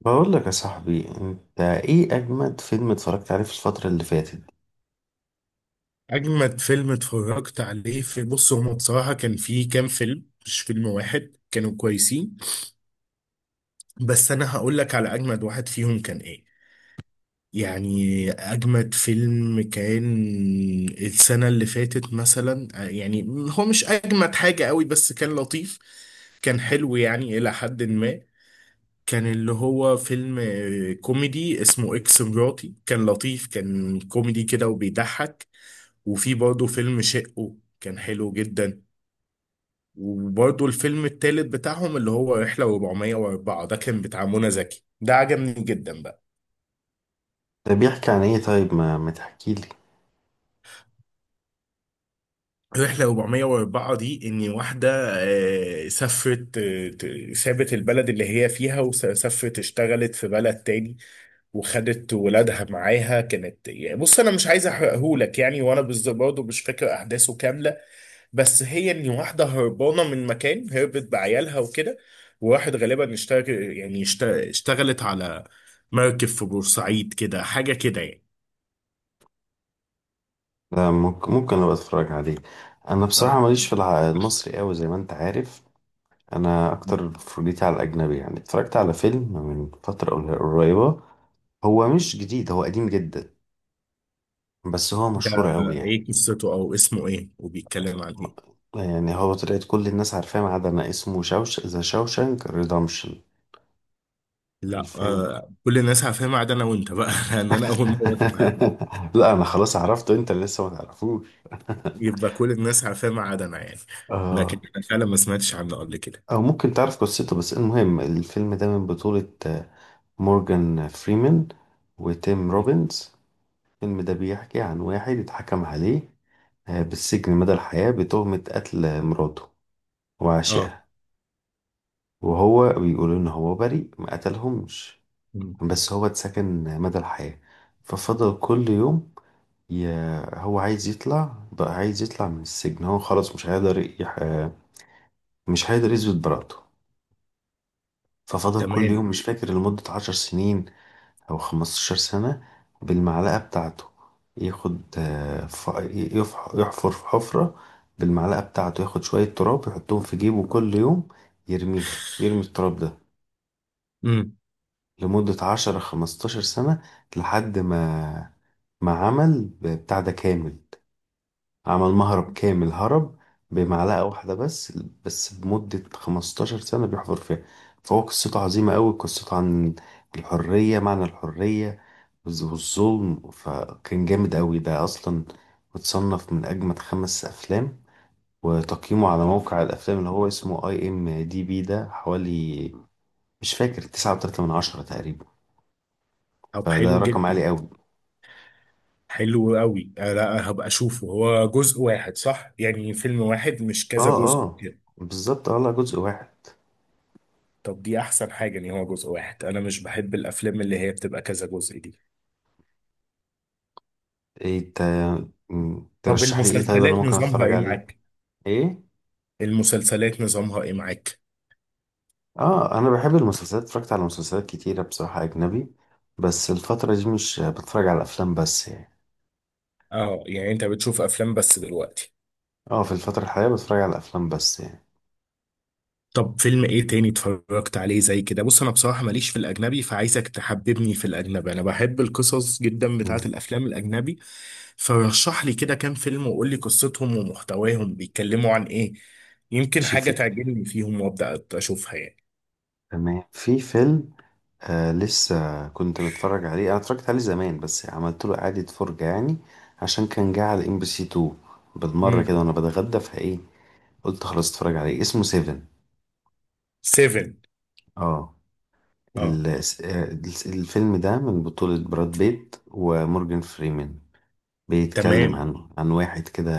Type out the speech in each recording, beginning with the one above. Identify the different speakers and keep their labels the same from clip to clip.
Speaker 1: بقول لك يا صاحبي، انت ايه اجمد فيلم اتفرجت عليه في الفترة اللي فاتت؟
Speaker 2: أجمد فيلم اتفرجت عليه بص، هما بصراحة كان فيه كام فيلم، مش فيلم واحد، كانوا كويسين. بس أنا هقول لك على أجمد واحد فيهم كان إيه. يعني أجمد فيلم كان السنة اللي فاتت مثلا يعني هو مش أجمد حاجة قوي بس كان لطيف، كان حلو يعني إلى حد ما. كان اللي هو فيلم كوميدي اسمه إكس مراتي، كان لطيف، كان كوميدي كده وبيضحك. وفي برضه فيلم شقه كان حلو جدا. وبرضه الفيلم التالت بتاعهم اللي هو رحلة 404، ده كان بتاع منى زكي، ده عجبني جدا بقى.
Speaker 1: ده بيحكي عن ايه؟ طيب ما تحكي لي.
Speaker 2: رحلة 404 دي إن واحدة سافرت، سابت البلد اللي هي فيها وسافرت اشتغلت في بلد تاني، وخدت ولادها معاها. كانت يعني بص، انا مش عايز احرقهولك يعني، وانا بالظبط برضه مش فاكر احداثه كامله. بس هي ان واحده هربانه من مكان، هربت بعيالها وكده. وواحد غالبا اشتغل، يعني اشتغلت على مركب في بورسعيد كده، حاجه كده يعني.
Speaker 1: لا، ممكن ابقى اتفرج عليه. انا بصراحة
Speaker 2: اه،
Speaker 1: ماليش في المصري قوي زي ما انت عارف. انا اكتر فرجيتي على الاجنبي يعني، اتفرجت على فيلم من فترة قريبة. هو مش جديد، هو قديم جدا، بس هو
Speaker 2: ده
Speaker 1: مشهور قوي يعني.
Speaker 2: ايه قصته؟ او اسمه ايه وبيتكلم عن ايه؟
Speaker 1: يعني هو طلعت كل الناس عارفاه ما عدا انا، اسمه ذا شوشانك ريدمشن.
Speaker 2: لا
Speaker 1: الفيلم.
Speaker 2: آه، كل الناس عارفاه ما عدا انا وانت بقى لان انا اول مره اسمعها.
Speaker 1: لا انا خلاص عرفته، انت اللي لسه ما تعرفوش.
Speaker 2: يبقى كل الناس عارفاه ما عدا انا يعني. لكن
Speaker 1: آه.
Speaker 2: انا فعلا ما سمعتش عنه قبل كده.
Speaker 1: او ممكن تعرف قصته، بس المهم الفيلم ده من بطولة مورجان فريمان وتيم روبنز. الفيلم ده بيحكي عن واحد اتحكم عليه بالسجن مدى الحياة بتهمة قتل مراته
Speaker 2: اه.
Speaker 1: وعشقها. وهو بيقول ان هو بريء، ما قتلهمش،
Speaker 2: مم.
Speaker 1: بس هو اتسجن مدى الحياة. ففضل كل يوم، يا هو عايز يطلع بقى، عايز يطلع من السجن، هو خلاص مش هيقدر مش هيقدر يثبت براءته. ففضل كل
Speaker 2: تمام.
Speaker 1: يوم، مش فاكر، لمدة 10 سنين أو 15 سنة، بالمعلقة بتاعته ياخد، يحفر في حفرة بالمعلقة بتاعته، ياخد شوية تراب يحطهم في جيبه كل يوم، يرميهم، يرمي التراب ده،
Speaker 2: امم.
Speaker 1: لمدة 10 خمستاشر سنة، لحد ما عمل بتاع ده كامل، عمل مهرب كامل، هرب بمعلقة واحدة بس، بس بمدة 15 سنة بيحفر فيها. فهو قصته عظيمة أوي، قصته عن الحرية، معنى الحرية والظلم. فكان جامد أوي ده، أصلا متصنف من أجمد 5 أفلام. وتقييمه على موقع الأفلام اللي هو اسمه اي ام دي بي، ده حوالي، مش فاكر، 9.3 من 10 تقريبا،
Speaker 2: طب
Speaker 1: فده
Speaker 2: حلو
Speaker 1: رقم
Speaker 2: جدا.
Speaker 1: عالي أوي.
Speaker 2: حلو قوي، آه لا هبقى اشوفه. هو جزء واحد صح يعني؟ فيلم واحد مش كذا
Speaker 1: اه
Speaker 2: جزء
Speaker 1: اه،
Speaker 2: كده؟
Speaker 1: بالظبط اه، لا جزء واحد.
Speaker 2: طب دي احسن حاجة ان هو جزء واحد، انا مش بحب الافلام اللي هي بتبقى كذا جزء دي.
Speaker 1: ايه
Speaker 2: طب
Speaker 1: ترشح لي ايه طيب، انا
Speaker 2: المسلسلات
Speaker 1: ممكن
Speaker 2: نظامها
Speaker 1: اتفرج
Speaker 2: ايه
Speaker 1: عليه؟
Speaker 2: معاك؟
Speaker 1: ايه؟
Speaker 2: المسلسلات نظامها ايه معاك؟
Speaker 1: اه انا بحب المسلسلات، اتفرجت على مسلسلات كتيرة بصراحة اجنبي، بس الفترة دي مش بتفرج على افلام بس يعني.
Speaker 2: اه، يعني انت بتشوف افلام بس دلوقتي؟
Speaker 1: اه في الفترة الحالية بتفرج على افلام بس يعني.
Speaker 2: طب فيلم ايه تاني اتفرجت عليه زي كده؟ بص انا بصراحة ماليش في الاجنبي، فعايزك تحببني في الاجنبي. انا بحب القصص جدا بتاعة
Speaker 1: مم.
Speaker 2: الافلام الاجنبي، فرشح لي كده كام فيلم وقول لي قصتهم ومحتواهم بيتكلموا عن ايه. يمكن
Speaker 1: شي
Speaker 2: حاجة
Speaker 1: في
Speaker 2: تعجبني فيهم وابدا اشوفها يعني.
Speaker 1: تمام، في فيلم لسه كنت متفرج عليه، انا اتفرجت عليه زمان بس عملت له اعادة فرجة يعني، عشان كان جه على ام بي سي 2 بالمرة كده
Speaker 2: امم.
Speaker 1: وانا بتغدى فايه، قلت خلاص اتفرج عليه. اسمه سيفن.
Speaker 2: سيفن.
Speaker 1: اه.
Speaker 2: اه.
Speaker 1: الفيلم ده من بطولة براد بيت ومورجان فريمان. بيتكلم
Speaker 2: تمام.
Speaker 1: عنه، عن واحد كده،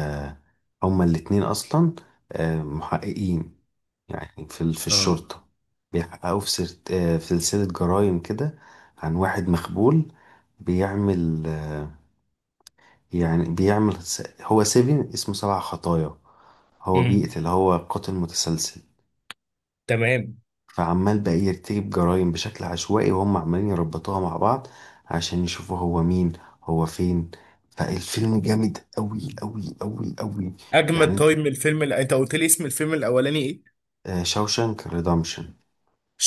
Speaker 1: هما الاتنين أصلا محققين يعني في في
Speaker 2: اه.
Speaker 1: الشرطة، بيحققوا في في سلسلة جرائم كده عن واحد مخبول، بيعمل يعني بيعمل هو سيفين اسمه 7 خطايا، هو
Speaker 2: امم.
Speaker 1: بيقتل، هو قاتل متسلسل.
Speaker 2: تمام.
Speaker 1: فعمال بقى يرتكب جرائم بشكل عشوائي، وهم عمالين يربطوها مع بعض عشان يشوفوا هو مين، هو فين. فالفيلم جامد قوي قوي قوي قوي.
Speaker 2: اجمد.
Speaker 1: يعني انت
Speaker 2: طيب من الفيلم اللي انت قلت لي، اسم الفيلم الاولاني ايه؟
Speaker 1: شاوشانك ريدمشن.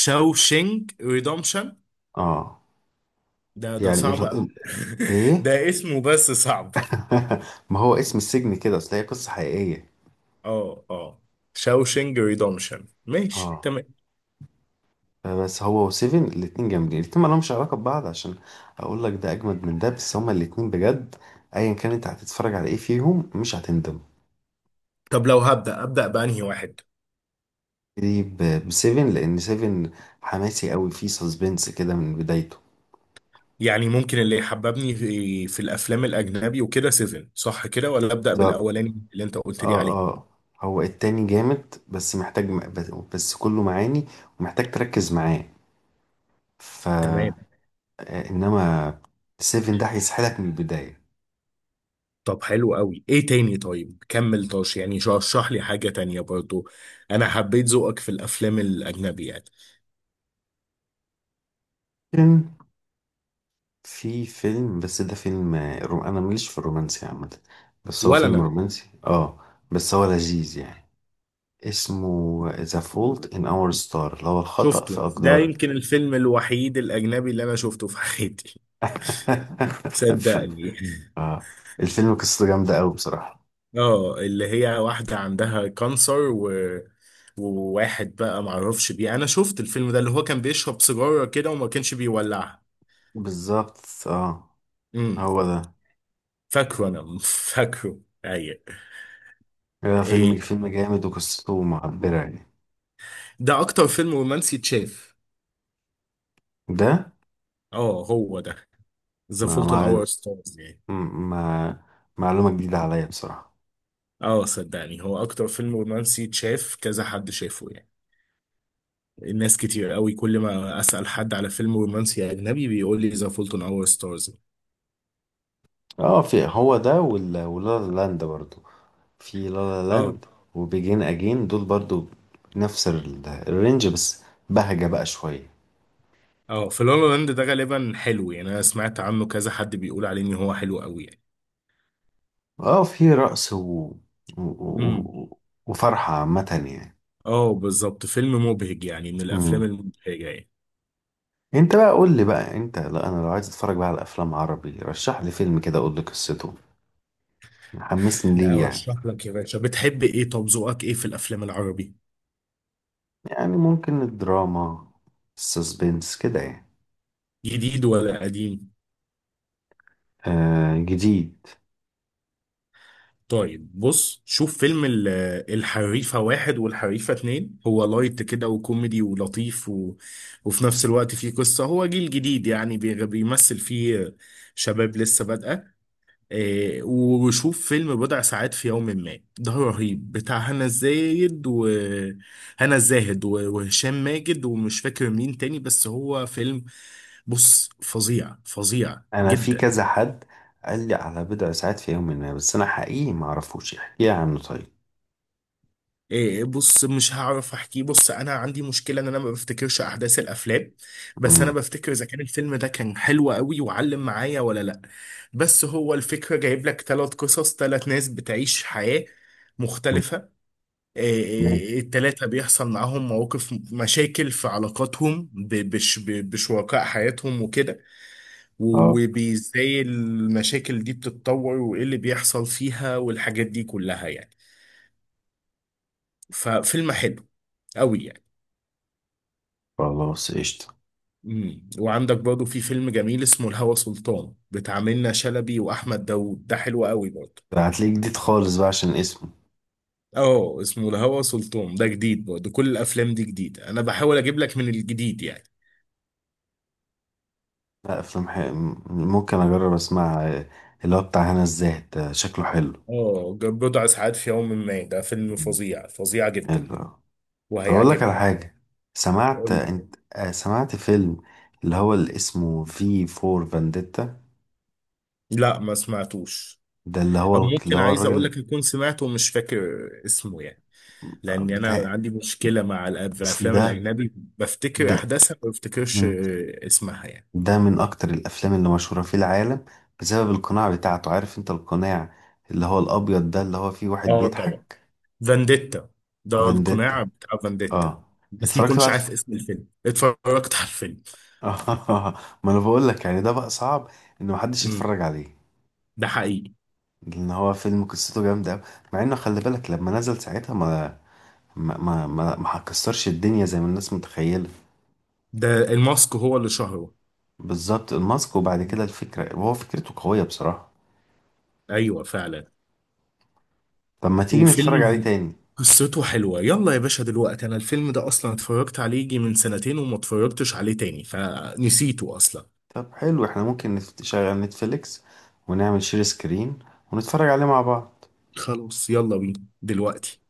Speaker 2: شاوشينج ريدومشن.
Speaker 1: اه Shawshank Redemption. آه.
Speaker 2: ده ده
Speaker 1: يعني
Speaker 2: صعب قوي
Speaker 1: ايه.
Speaker 2: ده اسمه بس صعب.
Speaker 1: ما هو اسم السجن كده، اصل هي قصة حقيقية.
Speaker 2: اه اه، شاوشنج ريدومشن، ماشي
Speaker 1: اه
Speaker 2: تمام.
Speaker 1: بس هو وسيفن الاتنين جامدين، الاتنين مالهمش علاقة ببعض عشان اقول لك ده اجمد من ده، بس هما الاتنين بجد، ايا كان انت هتتفرج على ايه فيهم مش هتندم.
Speaker 2: طب لو هبدأ أبدأ بأنهي واحد؟
Speaker 1: دي ب 7، لان 7 حماسي قوي، فيه سسبنس كده من بدايته.
Speaker 2: يعني ممكن اللي يحببني في الأفلام الأجنبي وكده سيفن صح كده؟ ولا أبدأ
Speaker 1: ده اه.
Speaker 2: بالأولاني اللي أنت قلت لي عليه؟
Speaker 1: اه هو التاني جامد، بس محتاج بس كله معاني ومحتاج تركز معاه. ف
Speaker 2: تمام.
Speaker 1: آه، انما 7 ده هيسحلك من البداية.
Speaker 2: طب حلو قوي، ايه تاني طيب؟ كمل طاش يعني، رشح لي حاجة تانية برضو. انا حبيت ذوقك في الافلام الاجنبي يعني.
Speaker 1: لكن في فيلم، بس ده فيلم انا ماليش في الرومانسي عامة، بس هو
Speaker 2: ولا
Speaker 1: فيلم
Speaker 2: انا.
Speaker 1: رومانسي اه، بس هو لذيذ يعني. اسمه The Fault in Our Star، اللي هو الخطأ في
Speaker 2: شفته ده،
Speaker 1: أقدارك.
Speaker 2: يمكن الفيلم الوحيد الاجنبي اللي انا شفته في حياتي، صدقني
Speaker 1: آه. الفيلم قصته جامدة أوي بصراحة.
Speaker 2: اه، اللي هي واحدة عندها كانسر و... وواحد بقى معرفش بيه. انا شفت الفيلم ده اللي هو كان بيشرب سيجارة كده وما كانش بيولعها.
Speaker 1: بالظبط اه،
Speaker 2: امم.
Speaker 1: هو ده،
Speaker 2: فاكره انا فاكره. ايوه.
Speaker 1: هو فيلم
Speaker 2: إيه.
Speaker 1: فيلم جامد وقصته معبرة يعني.
Speaker 2: ده اكتر فيلم رومانسي اتشاف.
Speaker 1: ده
Speaker 2: اه هو ده. ذا
Speaker 1: ما
Speaker 2: فولت ان
Speaker 1: ما
Speaker 2: اور ستارز يعني.
Speaker 1: ما معلومة جديدة عليا بصراحة.
Speaker 2: اه صدقني، هو اكتر فيلم رومانسي اتشاف، كذا حد شافه يعني. الناس كتير قوي، كل ما اسأل حد على فيلم رومانسي اجنبي بيقول لي ذا فولت ان اور ستارز.
Speaker 1: اه في هو ده، ولا لاند برضو، في لا لا لاند وبيجين اجين دول برضو، نفس الرينج، بس بهجة بقى شوية.
Speaker 2: اه، في لا لا لاند ده غالبا حلو يعني، انا سمعت عنه كذا حد بيقول عليه ان هو حلو قوي يعني.
Speaker 1: اه في رقص و...
Speaker 2: امم.
Speaker 1: و... وفرحة عامة يعني.
Speaker 2: اه بالظبط، فيلم مبهج يعني، من الافلام
Speaker 1: مم.
Speaker 2: المبهجه يعني.
Speaker 1: انت بقى قول لي بقى، انت لا انا، لو عايز اتفرج بقى على افلام عربي، رشح لي فيلم كده، اقول لي قصته، حمسني
Speaker 2: لا
Speaker 1: ليه يعني.
Speaker 2: ارشح لك يا باشا، بتحب ايه؟ طب ذوقك ايه في الافلام العربي؟
Speaker 1: يعني ممكن الدراما، السسبنس كده يعني.
Speaker 2: جديد ولا قديم؟
Speaker 1: آه جديد.
Speaker 2: طيب بص، شوف فيلم الحريفه واحد والحريفه اتنين. هو لايت كده وكوميدي ولطيف و... وفي نفس الوقت فيه قصه. هو جيل جديد يعني بيمثل فيه شباب لسه بادئه. وشوف فيلم بضع ساعات في يوم ما، ده رهيب. بتاع هنا الزاهد وهنا الزاهد و- وهشام ماجد ومش فاكر مين تاني، بس هو فيلم، بص، فظيع فظيع
Speaker 1: انا في
Speaker 2: جدا.
Speaker 1: كذا حد قال لي على بضع ساعات في يوم ما، بس انا حقيقي ما اعرفوش، احكي لي عنه طيب.
Speaker 2: إيه بص، مش هعرف احكيه. بص انا عندي مشكله ان انا ما بفتكرش احداث الافلام، بس انا
Speaker 1: امم.
Speaker 2: بفتكر اذا كان الفيلم ده كان حلو قوي وعلم معايا ولا لا. بس هو الفكره جايب لك ثلاث قصص، ثلاث ناس بتعيش حياه مختلفه.
Speaker 1: تمام.
Speaker 2: التلاتة بيحصل معاهم مواقف، مشاكل في علاقاتهم بشركاء حياتهم وكده.
Speaker 1: اه
Speaker 2: و- وبإزاي المشاكل دي بتتطور وإيه اللي بيحصل فيها والحاجات دي كلها يعني. ففيلم حلو قوي يعني.
Speaker 1: خلاص قشطة.
Speaker 2: مم. وعندك برضه في فيلم جميل اسمه الهوى سلطان، بتاع منة شلبي وأحمد داوود، ده حلو قوي برضه.
Speaker 1: ده هتلاقيه جديد خالص بقى عشان اسمه.
Speaker 2: اه اسمه الهوى سلطان، ده جديد برضه، كل الأفلام دي جديدة، أنا بحاول أجيب لك من الجديد يعني.
Speaker 1: لا افلام ممكن اجرب اسمعها. اللي هو بتاع هنا الزاهد ده شكله حلو.
Speaker 2: اه بضع ساعات في يوم ما ده فيلم
Speaker 1: مم.
Speaker 2: فظيع فظيع جدا،
Speaker 1: حلو. طب أقول لك على
Speaker 2: وهيعجبك.
Speaker 1: حاجة. سمعت
Speaker 2: قول لي.
Speaker 1: أنت، سمعت فيلم اللي اسمه في فور فانديتا؟
Speaker 2: لا ما سمعتوش.
Speaker 1: ده اللي
Speaker 2: او
Speaker 1: هو اللي
Speaker 2: ممكن،
Speaker 1: هو
Speaker 2: عايز اقول لك
Speaker 1: الراجل
Speaker 2: يكون سمعته ومش فاكر اسمه يعني، لان انا
Speaker 1: بتاع،
Speaker 2: عندي مشكله مع الافلام
Speaker 1: ده،
Speaker 2: الاجنبي، بفتكر
Speaker 1: ده
Speaker 2: احداثها ما بفتكرش
Speaker 1: من
Speaker 2: اسمها يعني.
Speaker 1: ده من أكتر الأفلام اللي مشهورة في العالم بسبب القناع بتاعته. عارف أنت القناع اللي هو الأبيض ده اللي هو فيه واحد
Speaker 2: اه طبعا،
Speaker 1: بيضحك؟
Speaker 2: فانديتا، ده القناع
Speaker 1: فانديتا.
Speaker 2: بتاع فانديتا،
Speaker 1: اه.
Speaker 2: بس ما
Speaker 1: اتفرجت بقى
Speaker 2: كنتش
Speaker 1: على
Speaker 2: عارف
Speaker 1: الفيلم.
Speaker 2: اسم الفيلم، اتفرجت على الفيلم.
Speaker 1: آه. ما أنا بقول لك يعني، ده بقى صعب إن محدش
Speaker 2: امم.
Speaker 1: يتفرج عليه،
Speaker 2: ده حقيقي.
Speaker 1: لأن هو فيلم قصته جامدة أوي. مع إنه خلي بالك لما نزل ساعتها ما هكسرش الدنيا زي ما الناس متخيلة.
Speaker 2: ده الماسك هو اللي شهره.
Speaker 1: بالظبط، الماسك. وبعد كده
Speaker 2: مم.
Speaker 1: الفكرة، هو فكرته قوية بصراحة.
Speaker 2: ايوه فعلا.
Speaker 1: طب ما تيجي نتفرج عليه
Speaker 2: وفيلم
Speaker 1: تاني؟
Speaker 2: قصته حلوة. يلا يا باشا دلوقتي، أنا الفيلم ده أصلا اتفرجت عليه يجي من سنتين وما اتفرجتش عليه تاني فنسيته أصلا.
Speaker 1: طب حلو احنا ممكن نشغل نتفليكس، ونعمل شير سكرين، ونتفرج عليه مع بعض.
Speaker 2: خلاص يلا بينا دلوقتي.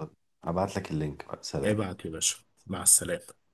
Speaker 1: يلا، هبعتلك اللينك بقى. سلام.
Speaker 2: ابعت يا باشا. مع السلامة.